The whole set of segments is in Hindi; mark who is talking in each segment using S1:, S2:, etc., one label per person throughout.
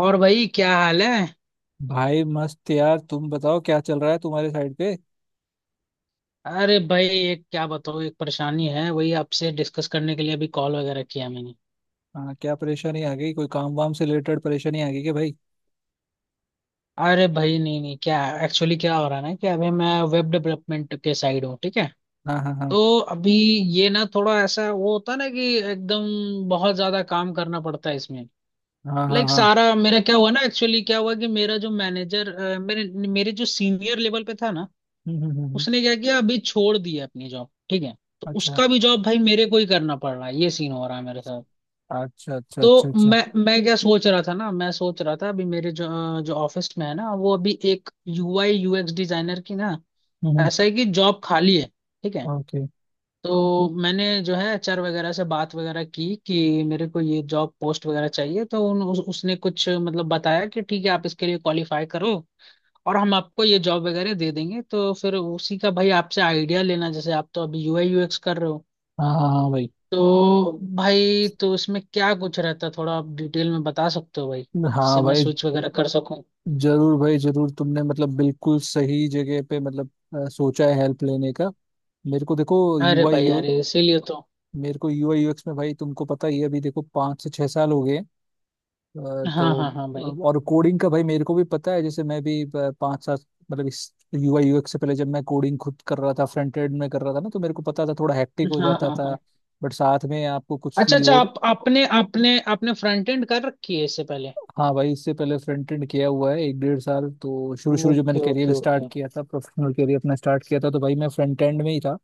S1: और भाई क्या हाल है।
S2: भाई मस्त यार, तुम बताओ क्या चल रहा है तुम्हारे साइड पे।
S1: अरे भाई एक क्या बताओ, एक परेशानी है, वही आपसे डिस्कस करने के लिए अभी कॉल वगैरह किया मैंने।
S2: हाँ, क्या परेशानी आ गई? कोई काम वाम से रिलेटेड परेशानी आ गई क्या भाई?
S1: अरे भाई नहीं नहीं, क्या एक्चुअली क्या हो रहा है ना कि अभी मैं वेब डेवलपमेंट के साइड हूँ, ठीक है।
S2: हाँ हाँ हाँ।
S1: तो अभी ये ना थोड़ा ऐसा वो होता है ना कि एकदम बहुत ज्यादा काम करना पड़ता है इसमें।
S2: हाँ हाँ
S1: लाइक
S2: हाँ।
S1: सारा मेरा क्या हुआ ना, एक्चुअली क्या हुआ कि मेरा जो मैनेजर मेरे मेरे जो सीनियर लेवल पे था ना,
S2: हम्म।
S1: उसने क्या किया अभी छोड़ दी है अपनी जॉब, ठीक है। तो
S2: अच्छा,
S1: उसका भी जॉब भाई मेरे को ही करना पड़ रहा है, ये सीन हो रहा है मेरे साथ।
S2: अच्छा अच्छा अच्छा
S1: तो
S2: अच्छा।
S1: मैं क्या सोच रहा था ना, मैं सोच रहा था अभी मेरे जो जो ऑफिस में है ना वो अभी एक यूआई यूएक्स डिजाइनर की ना
S2: हम्म हम्म।
S1: ऐसा है कि जॉब खाली है, ठीक है।
S2: ओके।
S1: तो मैंने जो है एचआर वगैरह से बात वगैरह की कि मेरे को ये जॉब पोस्ट वगैरह चाहिए, तो उसने कुछ मतलब बताया कि ठीक है आप इसके लिए क्वालिफाई करो और हम आपको ये जॉब वगैरह दे देंगे। तो फिर उसी का भाई आपसे आइडिया लेना, जैसे आप तो अभी यूआई यूएक्स कर रहे हो।
S2: हाँ हाँ हाँ भाई।
S1: तो भाई तो उसमें क्या कुछ रहता है, थोड़ा आप डिटेल में बता सकते हो भाई, जिससे
S2: हाँ
S1: मैं
S2: भाई
S1: स्विच वगैरह कर सकूं।
S2: जरूर, भाई जरूर, तुमने मतलब बिल्कुल सही जगह पे मतलब सोचा है हेल्प लेने का। मेरे को देखो
S1: अरे
S2: यूआई
S1: भाई
S2: यू।
S1: अरे, इसीलिए तो।
S2: मेरे को यूआई यूएक्स में भाई तुमको पता ही है, अभी देखो 5 से 6 साल हो गए हैं। तो।
S1: हाँ हाँ हाँ भाई।
S2: और कोडिंग का भाई मेरे को भी पता है, जैसे मैं भी पाँच सात, मतलब इस यूआई यूएक्स से पहले जब मैं कोडिंग खुद कर रहा था, फ्रंट एंड में कर रहा था ना, तो मेरे को पता था थोड़ा हैक्टिक हो
S1: हाँ
S2: जाता
S1: हाँ
S2: था।
S1: हाँ।
S2: बट साथ में आपको कुछ
S1: अच्छा
S2: सी
S1: अच्छा,
S2: और।
S1: आप आपने आपने आपने फ्रंट एंड कर रखी है इससे पहले।
S2: हाँ भाई, इससे पहले फ्रंट एंड किया हुआ है एक डेढ़ साल, तो शुरू शुरू जब मैंने
S1: okay
S2: career
S1: okay
S2: start
S1: okay.
S2: किया था, प्रोफेशनल करियर अपना स्टार्ट किया था, तो भाई मैं फ्रंट एंड में ही था।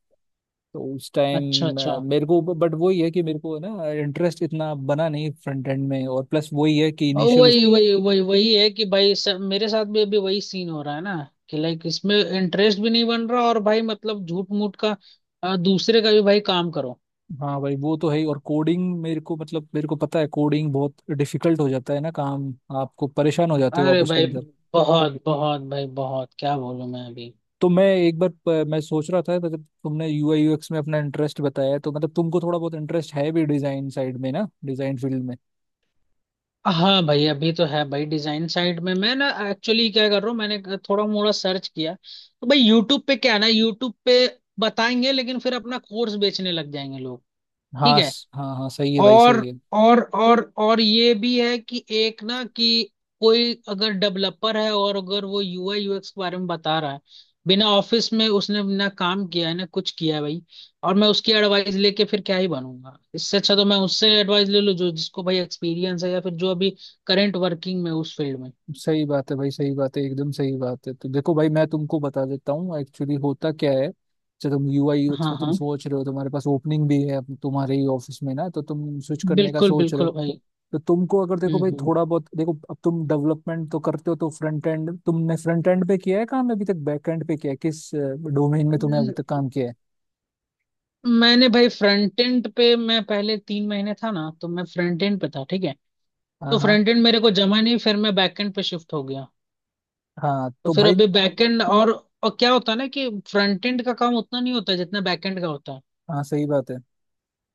S2: तो उस टाइम
S1: अच्छा अच्छा।
S2: मेरे को, बट वही है कि मेरे को है ना, इंटरेस्ट इतना बना नहीं फ्रंट एंड में, और प्लस वही है कि
S1: और
S2: इनिशियल।
S1: वही वही वही वही है कि भाई सब मेरे साथ भी अभी वही सीन हो रहा है ना कि लाइक इसमें इंटरेस्ट भी नहीं बन रहा, और भाई मतलब झूठ मूठ का दूसरे का भी भाई काम करो।
S2: हाँ भाई वो तो है ही, और कोडिंग मेरे को, मतलब मेरे को पता है, कोडिंग बहुत डिफिकल्ट हो जाता है ना काम, आपको परेशान हो जाते हो आप
S1: अरे
S2: उसके
S1: भाई।
S2: अंदर।
S1: बहुत बहुत भाई बहुत, क्या बोलूं मैं अभी।
S2: तो मैं एक बार मैं सोच रहा था, मतलब तुमने यूआई यूएक्स में अपना इंटरेस्ट बताया है, तो मतलब तुमको थोड़ा बहुत इंटरेस्ट है भी डिजाइन साइड में ना, डिजाइन फील्ड में।
S1: हाँ भाई अभी तो है भाई डिजाइन साइड में, मैं ना एक्चुअली क्या कर रहा हूँ, मैंने थोड़ा मोड़ा सर्च किया तो भाई यूट्यूब पे क्या है ना, यूट्यूब पे बताएंगे लेकिन फिर अपना कोर्स बेचने लग जाएंगे लोग। ठीक
S2: हाँ
S1: है।
S2: हाँ हाँ सही है भाई, सही
S1: और
S2: है।
S1: और ये भी है कि एक ना कि कोई अगर डेवलपर है और अगर वो यूआई यूएक्स के बारे में बता रहा है बिना ऑफिस में, उसने ना काम किया है ना कुछ किया है भाई, और मैं उसकी एडवाइस लेके फिर क्या ही बनूंगा, इससे अच्छा तो मैं उससे एडवाइस ले लूँ जो जिसको भाई एक्सपीरियंस है या फिर जो अभी करंट वर्किंग में है उस फील्ड में।
S2: सही बात है भाई, सही बात है, एकदम सही बात है। तो देखो भाई, मैं तुमको बता देता हूँ एक्चुअली होता क्या है। जब तुम यूआई यूएक्स
S1: हाँ
S2: में तुम
S1: हाँ
S2: सोच रहे हो, तुम्हारे पास ओपनिंग भी है तुम्हारे ही ऑफिस में ना, तो तुम स्विच करने का
S1: बिल्कुल
S2: सोच रहे हो।
S1: बिल्कुल भाई।
S2: तो तुमको अगर देखो भाई,
S1: हम्म
S2: थोड़ा बहुत देखो, अब तुम डेवलपमेंट तो करते हो, तो फ्रंट एंड, तुमने फ्रंट एंड पे किया है काम, अभी तक बैक एंड पे किया है, किस डोमेन में तुमने अभी
S1: हम्म।
S2: तक काम किया है?
S1: मैंने भाई फ्रंट एंड पे मैं पहले 3 महीने था ना, तो मैं फ्रंट एंड पे था, ठीक है।
S2: हाँ
S1: तो
S2: हाँ
S1: फ्रंट एंड मेरे को जमा नहीं, फिर मैं बैक एंड पे शिफ्ट हो गया।
S2: हाँ,
S1: तो
S2: तो
S1: फिर
S2: भाई,
S1: अभी बैक एंड, और क्या होता है ना कि फ्रंट एंड का काम उतना नहीं होता जितना बैक एंड का होता है।
S2: हाँ सही बात है।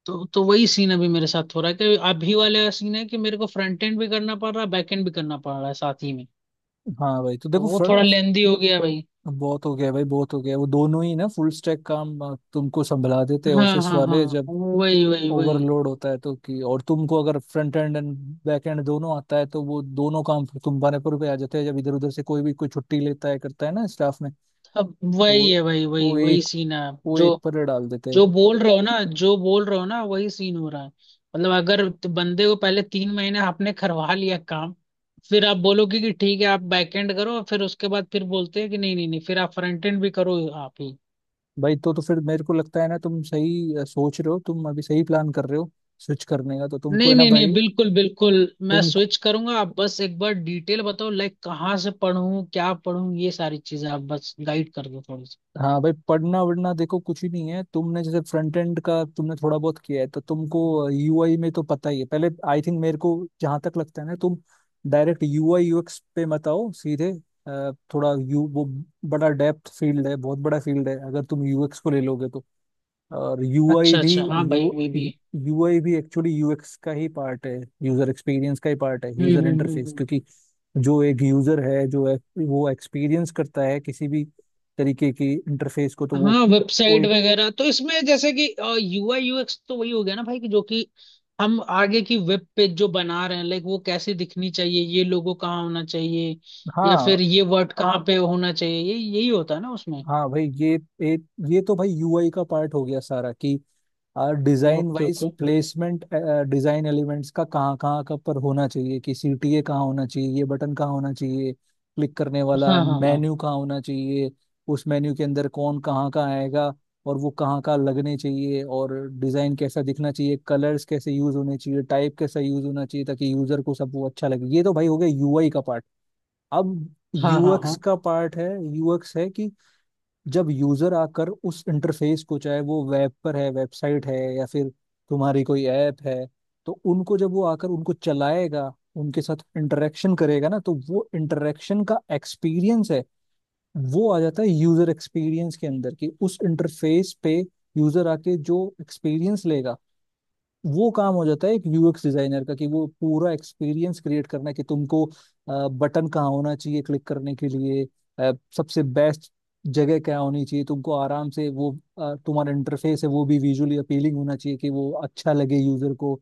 S1: तो वही सीन अभी मेरे साथ हो रहा है कि अभी वाला सीन है कि मेरे को फ्रंट एंड भी करना पड़ रहा है बैक एंड भी करना पड़ रहा है साथ ही में।
S2: हाँ भाई, तो
S1: तो
S2: देखो
S1: वो थोड़ा लेंदी हो गया भाई।
S2: बहुत हो गया भाई, बहुत हो गया, वो दोनों ही ना, फुल स्टैक काम तुमको संभला देते हैं
S1: हाँ
S2: ऑफिस
S1: हाँ हाँ,
S2: वाले जब
S1: वही वही वही।
S2: ओवरलोड होता है तो, कि और तुमको अगर front end and back end दोनों आता है, तो वो दोनों काम तुम्हारे पर भी आ जाते हैं जब इधर उधर से कोई भी, कोई छुट्टी लेता है, करता है ना स्टाफ में,
S1: अब वही
S2: तो
S1: है, वही वही
S2: वो
S1: वही
S2: एक
S1: सीन है।
S2: वो
S1: जो
S2: एक पर डाल देते हैं।
S1: जो बोल रहे हो ना, जो बोल रहे हो ना वही सीन हो रहा है। मतलब अगर बंदे को पहले 3 महीने आपने करवा लिया काम, फिर आप बोलोगे कि ठीक है आप बैक एंड करो, और फिर उसके बाद फिर बोलते हैं कि नहीं नहीं नहीं फिर आप फ्रंट एंड भी करो, आप ही।
S2: भाई तो फिर मेरे को लगता है ना, तुम सही सोच रहे हो, तुम अभी सही प्लान कर रहे हो स्विच करने का, तो तुमको है
S1: नहीं
S2: ना
S1: नहीं
S2: भाई।
S1: नहीं बिल्कुल बिल्कुल। मैं
S2: तुम,
S1: स्विच करूंगा, आप बस एक बार डिटेल बताओ, लाइक कहाँ से पढूं क्या पढूं, ये सारी चीजें आप बस गाइड कर दो थोड़ी सी।
S2: हाँ भाई, पढ़ना वढ़ना देखो कुछ ही नहीं है, तुमने जैसे फ्रंट एंड का तुमने थोड़ा बहुत किया है, तो तुमको यूआई में तो पता ही है, पहले आई थिंक मेरे को जहाँ तक लगता है ना, तुम डायरेक्ट यूआई यूएक्स पे मत आओ सीधे। थोड़ा यू वो, बड़ा डेप्थ फील्ड है, बहुत बड़ा फील्ड है अगर तुम यूएक्स को ले लोगे तो। और यूआई
S1: अच्छा
S2: भी,
S1: अच्छा, हाँ भाई
S2: यू
S1: वो भी है।
S2: यूआई भी एक्चुअली यूएक्स का ही पार्ट है, यूजर एक्सपीरियंस का ही पार्ट है,
S1: हम्म
S2: यूजर
S1: हम्म हम्म
S2: इंटरफेस,
S1: हम्म।
S2: क्योंकि जो एक यूजर है, जो एक, वो एक्सपीरियंस करता है किसी भी तरीके की इंटरफेस को, तो वो
S1: हाँ
S2: वो
S1: वेबसाइट
S2: एक,
S1: वगैरह तो इसमें जैसे कि यूआई यूएक्स तो वही हो गया ना भाई कि जो कि हम आगे की वेब पेज जो बना रहे हैं, लाइक वो कैसी दिखनी चाहिए, ये लोगो कहाँ होना चाहिए, या
S2: हाँ
S1: फिर ये वर्ड कहाँ पे होना चाहिए, ये यही होता है ना उसमें।
S2: हाँ भाई, ये ये तो भाई यूआई का पार्ट हो गया सारा, कि और design
S1: okay
S2: wise
S1: okay.
S2: Placement, design elements का कहाँ कहाँ का पर होना चाहिए, कि सीटीए कहाँ होना चाहिए, ये बटन कहाँ होना चाहिए, क्लिक करने वाला
S1: हाँ हाँ हाँ
S2: मेन्यू कहाँ होना चाहिए, उस मेन्यू के अंदर कौन कहाँ का आएगा, और वो कहाँ का लगने चाहिए, और डिजाइन कैसा दिखना चाहिए, कलर्स कैसे यूज होने चाहिए, टाइप कैसा यूज होना चाहिए, ताकि यूजर को सब वो अच्छा लगे। ये तो भाई हो गया यूआई का पार्ट। अब
S1: हाँ हाँ
S2: यूएक्स
S1: हाँ,
S2: का पार्ट है। यूएक्स है कि जब यूजर आकर उस इंटरफेस को, चाहे वो वेब पर है, वेबसाइट है, या फिर तुम्हारी कोई ऐप है, तो उनको जब वो आकर उनको चलाएगा, उनके साथ इंटरेक्शन करेगा ना, तो वो इंटरेक्शन का एक्सपीरियंस है, वो आ जाता है यूजर एक्सपीरियंस के अंदर, कि उस इंटरफेस पे यूजर आके जो एक्सपीरियंस लेगा, वो काम हो जाता है एक यूएक्स डिजाइनर का, कि वो पूरा एक्सपीरियंस क्रिएट करना है, कि तुमको बटन कहाँ होना चाहिए क्लिक करने के लिए, सबसे बेस्ट जगह क्या होनी चाहिए, तुमको आराम से वो, तुम्हारा इंटरफेस है वो भी विजुअली अपीलिंग होना चाहिए, कि वो अच्छा लगे यूजर को,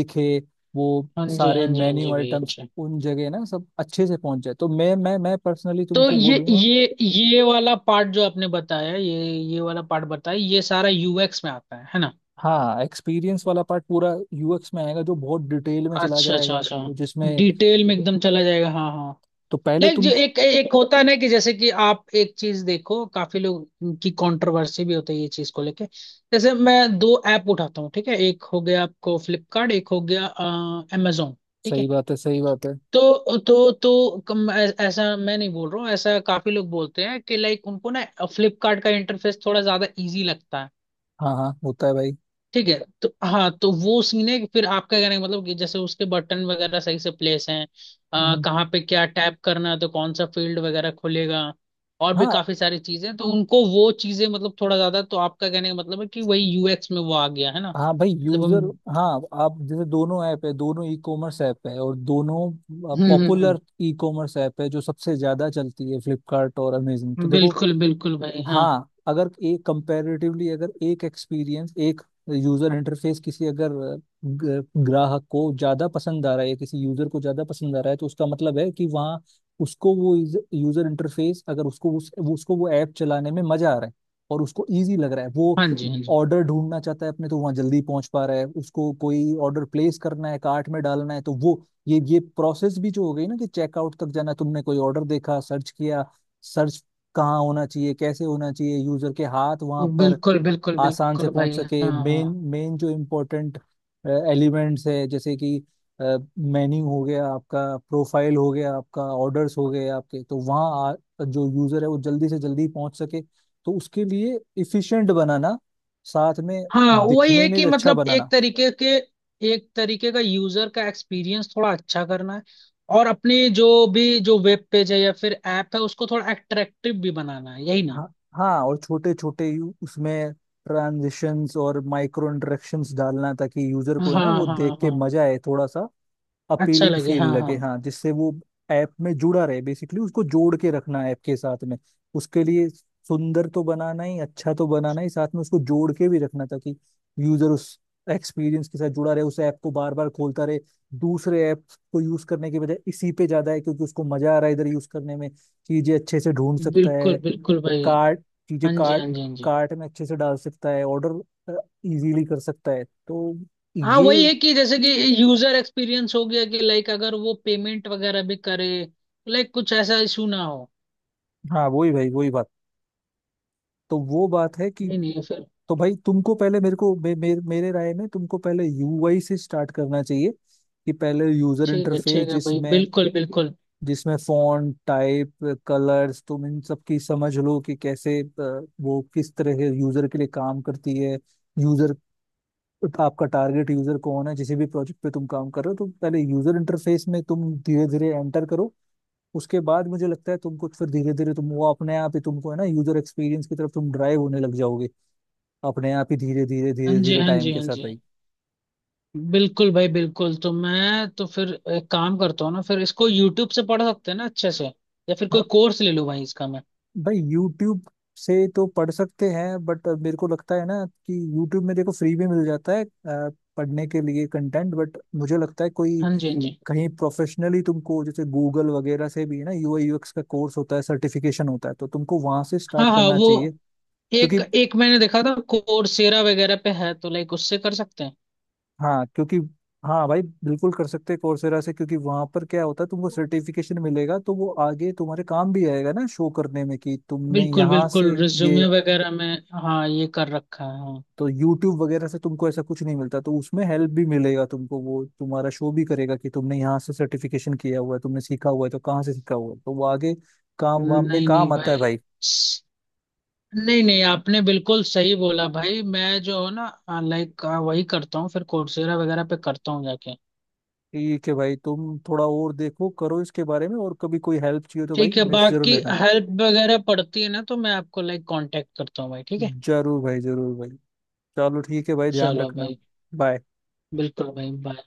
S2: दिखे वो,
S1: हाँ जी
S2: सारे
S1: हाँ जी हाँ
S2: मेन्यू
S1: जी भाई,
S2: आइटम्स
S1: अच्छा।
S2: उन जगह ना सब अच्छे से पहुंच जाए। तो मैं पर्सनली
S1: तो
S2: तुमको
S1: ये
S2: बोलूंगा,
S1: ये ये वाला पार्ट जो आपने बताया, ये वाला पार्ट बताया, ये सारा यूएक्स में आता है ना।
S2: हाँ, एक्सपीरियंस वाला पार्ट पूरा यूएक्स में आएगा, जो बहुत डिटेल में चला
S1: अच्छा अच्छा
S2: जाएगा,
S1: अच्छा।
S2: तो जिसमें,
S1: डिटेल में एकदम चला जाएगा, हाँ हाँ।
S2: तो पहले
S1: लाइक जो
S2: तुमको,
S1: एक एक होता है ना कि जैसे कि आप एक चीज देखो, काफी लोग की कंट्रोवर्सी भी होती है ये चीज को लेके। जैसे मैं दो ऐप उठाता हूँ, ठीक है, एक हो गया आपको फ्लिपकार्ट, एक हो गया अमेजोन, ठीक है।
S2: सही बात है, सही बात है।
S1: तो ऐसा मैं नहीं बोल रहा हूँ, ऐसा काफी लोग बोलते हैं कि लाइक उनको ना फ्लिपकार्ट का इंटरफेस थोड़ा ज्यादा इजी लगता है,
S2: हाँ हाँ होता है भाई।
S1: ठीक है। तो हाँ, तो वो सीन है कि फिर आपका कहने का मतलब कि जैसे उसके बटन वगैरह सही से प्लेस हैं,
S2: हम्म हम्म।
S1: कहाँ पे क्या टैप करना है, तो कौन सा फील्ड वगैरह खुलेगा और भी
S2: हाँ
S1: काफी सारी चीजें, तो उनको वो चीजें मतलब थोड़ा ज्यादा, तो आपका कहने का मतलब है कि वही यूएक्स में वो आ गया है ना।
S2: हाँ भाई,
S1: मतलब
S2: यूजर,
S1: हम।
S2: हाँ, आप जैसे, दोनों ऐप है, दोनों ई कॉमर्स ऐप है, और दोनों
S1: हम्म हम्म
S2: पॉपुलर ई कॉमर्स ऐप है जो सबसे ज्यादा चलती है, फ्लिपकार्ट और अमेजन। तो देखो,
S1: बिल्कुल बिल्कुल भाई हाँ।
S2: हाँ, अगर एक कंपैरेटिवली, अगर एक एक्सपीरियंस, एक यूजर इंटरफेस किसी अगर ग्राहक को ज्यादा पसंद आ रहा है, या किसी यूजर को ज्यादा पसंद आ रहा है, तो उसका मतलब है कि वहाँ उसको वो यूजर इंटरफेस, अगर उसको वो ऐप चलाने में मजा आ रहा है, और उसको इजी लग रहा है, वो
S1: हाँ जी हाँ जी।
S2: ऑर्डर ढूंढना चाहता है अपने तो वहाँ जल्दी पहुंच पा रहा है, उसको कोई ऑर्डर प्लेस करना है, कार्ट में डालना है, तो वो, ये प्रोसेस भी जो हो गई ना, कि चेकआउट तक जाना, तुमने कोई ऑर्डर देखा, सर्च किया, सर्च कहाँ होना चाहिए, कैसे होना चाहिए, यूजर के हाथ वहां पर
S1: बिल्कुल बिल्कुल
S2: आसान से
S1: बिल्कुल
S2: पहुंच
S1: भाई
S2: सके,
S1: हाँ
S2: मेन
S1: हाँ।
S2: मेन जो इम्पोर्टेंट एलिमेंट्स है, जैसे कि मेन्यू हो गया आपका, प्रोफाइल हो गया आपका, ऑर्डर्स हो गए आपके, तो वहाँ जो यूजर है वो जल्दी से जल्दी पहुंच सके, तो उसके लिए इफिशिएंट बनाना, साथ में
S1: हाँ वही
S2: दिखने
S1: है
S2: में
S1: कि
S2: भी अच्छा
S1: मतलब
S2: बनाना,
S1: एक तरीके के, एक तरीके का यूजर का एक्सपीरियंस थोड़ा अच्छा करना है, और अपनी जो भी जो वेब पेज है या फिर ऐप है उसको थोड़ा अट्रैक्टिव भी बनाना है, यही ना।
S2: हाँ हाँ, और छोटे छोटे उसमें ट्रांजिशंस और माइक्रो इंटरेक्शंस डालना, ताकि यूजर को है ना
S1: हाँ
S2: वो
S1: हाँ
S2: देख के
S1: हाँ।
S2: मजा आए थोड़ा सा,
S1: अच्छा
S2: अपीलिंग
S1: लगे
S2: फील
S1: हाँ
S2: लगे,
S1: हाँ।
S2: हाँ, जिससे वो ऐप में जुड़ा रहे बेसिकली, उसको जोड़ के रखना ऐप के साथ में, उसके लिए सुंदर तो बनाना ही, अच्छा तो बनाना ही, साथ में उसको जोड़ के भी रखना, ताकि यूजर उस एक्सपीरियंस के साथ जुड़ा रहे, उस ऐप को बार बार खोलता रहे, दूसरे ऐप को यूज करने के बजाय, इसी पे ज्यादा है क्योंकि उसको मजा आ रहा है इधर यूज करने में, चीजें अच्छे से ढूंढ सकता
S1: बिल्कुल
S2: है,
S1: बिल्कुल भाई।
S2: कार्ट, चीजें
S1: हाँ जी
S2: कार्ट,
S1: हाँ जी हाँ जी।
S2: कार्ट में अच्छे से डाल सकता है, ऑर्डर इजीली कर सकता है, तो
S1: हाँ
S2: ये,
S1: वही है कि जैसे कि यूजर एक्सपीरियंस हो गया कि लाइक अगर वो पेमेंट वगैरह भी करे, लाइक कुछ ऐसा इशू ना हो।
S2: हाँ वही भाई, वही बात, तो वो बात है कि,
S1: नहीं नहीं फिर।
S2: तो भाई तुमको पहले मेरे को मे, मे, मेरे राय में तुमको पहले यूआई से स्टार्ट करना चाहिए, कि पहले यूजर इंटरफेस
S1: ठीक है भाई,
S2: जिसमें
S1: बिल्कुल बिल्कुल।
S2: जिसमें फॉन्ट, टाइप, कलर्स, तुम इन सब की समझ लो कि कैसे वो किस तरह यूजर के लिए काम करती है, यूजर, आपका टारगेट यूजर कौन है जिस भी प्रोजेक्ट पे तुम काम कर रहे हो, तो पहले यूजर इंटरफेस में तुम धीरे धीरे एंटर करो। उसके बाद मुझे लगता है, तुमको फिर धीरे धीरे तुम वो अपने आप ही तुमको है ना, यूजर एक्सपीरियंस की तरफ तुम ड्राइव होने लग जाओगे, अपने आप ही, धीरे धीरे
S1: हाँ
S2: धीरे
S1: जी
S2: धीरे
S1: हाँ
S2: टाइम
S1: जी
S2: के
S1: हाँ
S2: साथ
S1: जी।
S2: भाई।
S1: बिल्कुल भाई बिल्कुल। तो मैं तो फिर एक काम करता हूँ ना, फिर इसको यूट्यूब से पढ़ सकते हैं ना अच्छे से, या फिर
S2: हाँ,
S1: कोई कोर्स ले लूँ भाई इसका मैं।
S2: भाई यूट्यूब से तो पढ़ सकते हैं, बट मेरे को लगता है ना कि यूट्यूब में देखो फ्री भी मिल जाता है पढ़ने के लिए कंटेंट, बट मुझे लगता है, कोई
S1: हाँ जी हाँ जी
S2: कहीं प्रोफेशनली तुमको, जैसे गूगल वगैरह से भी है ना यूआई यूएक्स का कोर्स होता है, सर्टिफिकेशन होता है, तो तुमको वहां से
S1: हाँ
S2: स्टार्ट
S1: हाँ,
S2: करना
S1: वो
S2: चाहिए क्योंकि,
S1: एक एक मैंने देखा था कोर्सेरा वगैरह पे है, तो लाइक उससे कर सकते हैं।
S2: हाँ क्योंकि, हाँ भाई, बिल्कुल कर सकते हैं कोर्सेरा से, क्योंकि वहां पर क्या होता है, तुमको सर्टिफिकेशन मिलेगा, तो वो आगे तुम्हारे काम भी आएगा ना शो करने में, कि तुमने
S1: बिल्कुल
S2: यहाँ
S1: बिल्कुल,
S2: से ये,
S1: रिज्यूमे वगैरह में। हाँ ये कर रखा है हाँ।
S2: तो यूट्यूब वगैरह से तुमको ऐसा कुछ नहीं मिलता, तो उसमें हेल्प भी मिलेगा तुमको, वो तुम्हारा शो भी करेगा कि तुमने यहाँ से सर्टिफिकेशन किया हुआ है, तुमने सीखा हुआ है, तो कहाँ से सीखा हुआ है, तो वो आगे काम वाम में
S1: नहीं नहीं
S2: काम आता है
S1: भाई,
S2: भाई।
S1: नहीं नहीं आपने बिल्कुल सही बोला भाई, मैं जो हूँ ना, हाँ, लाइक हाँ, वही करता हूँ फिर कोर्सेरा वगैरह पे करता हूँ जाके।
S2: ठीक है भाई, तुम थोड़ा और देखो, करो इसके बारे में, और कभी कोई हेल्प चाहिए तो भाई
S1: ठीक है,
S2: मेरे से जरूर
S1: बाकी
S2: लेना।
S1: हेल्प वगैरह पड़ती है ना, तो मैं आपको लाइक कांटेक्ट करता हूँ भाई, ठीक है।
S2: जरूर भाई, जरूर भाई। चलो ठीक है भाई, ध्यान
S1: चलो
S2: रखना।
S1: भाई।
S2: बाय।
S1: बिल्कुल भाई, बाय।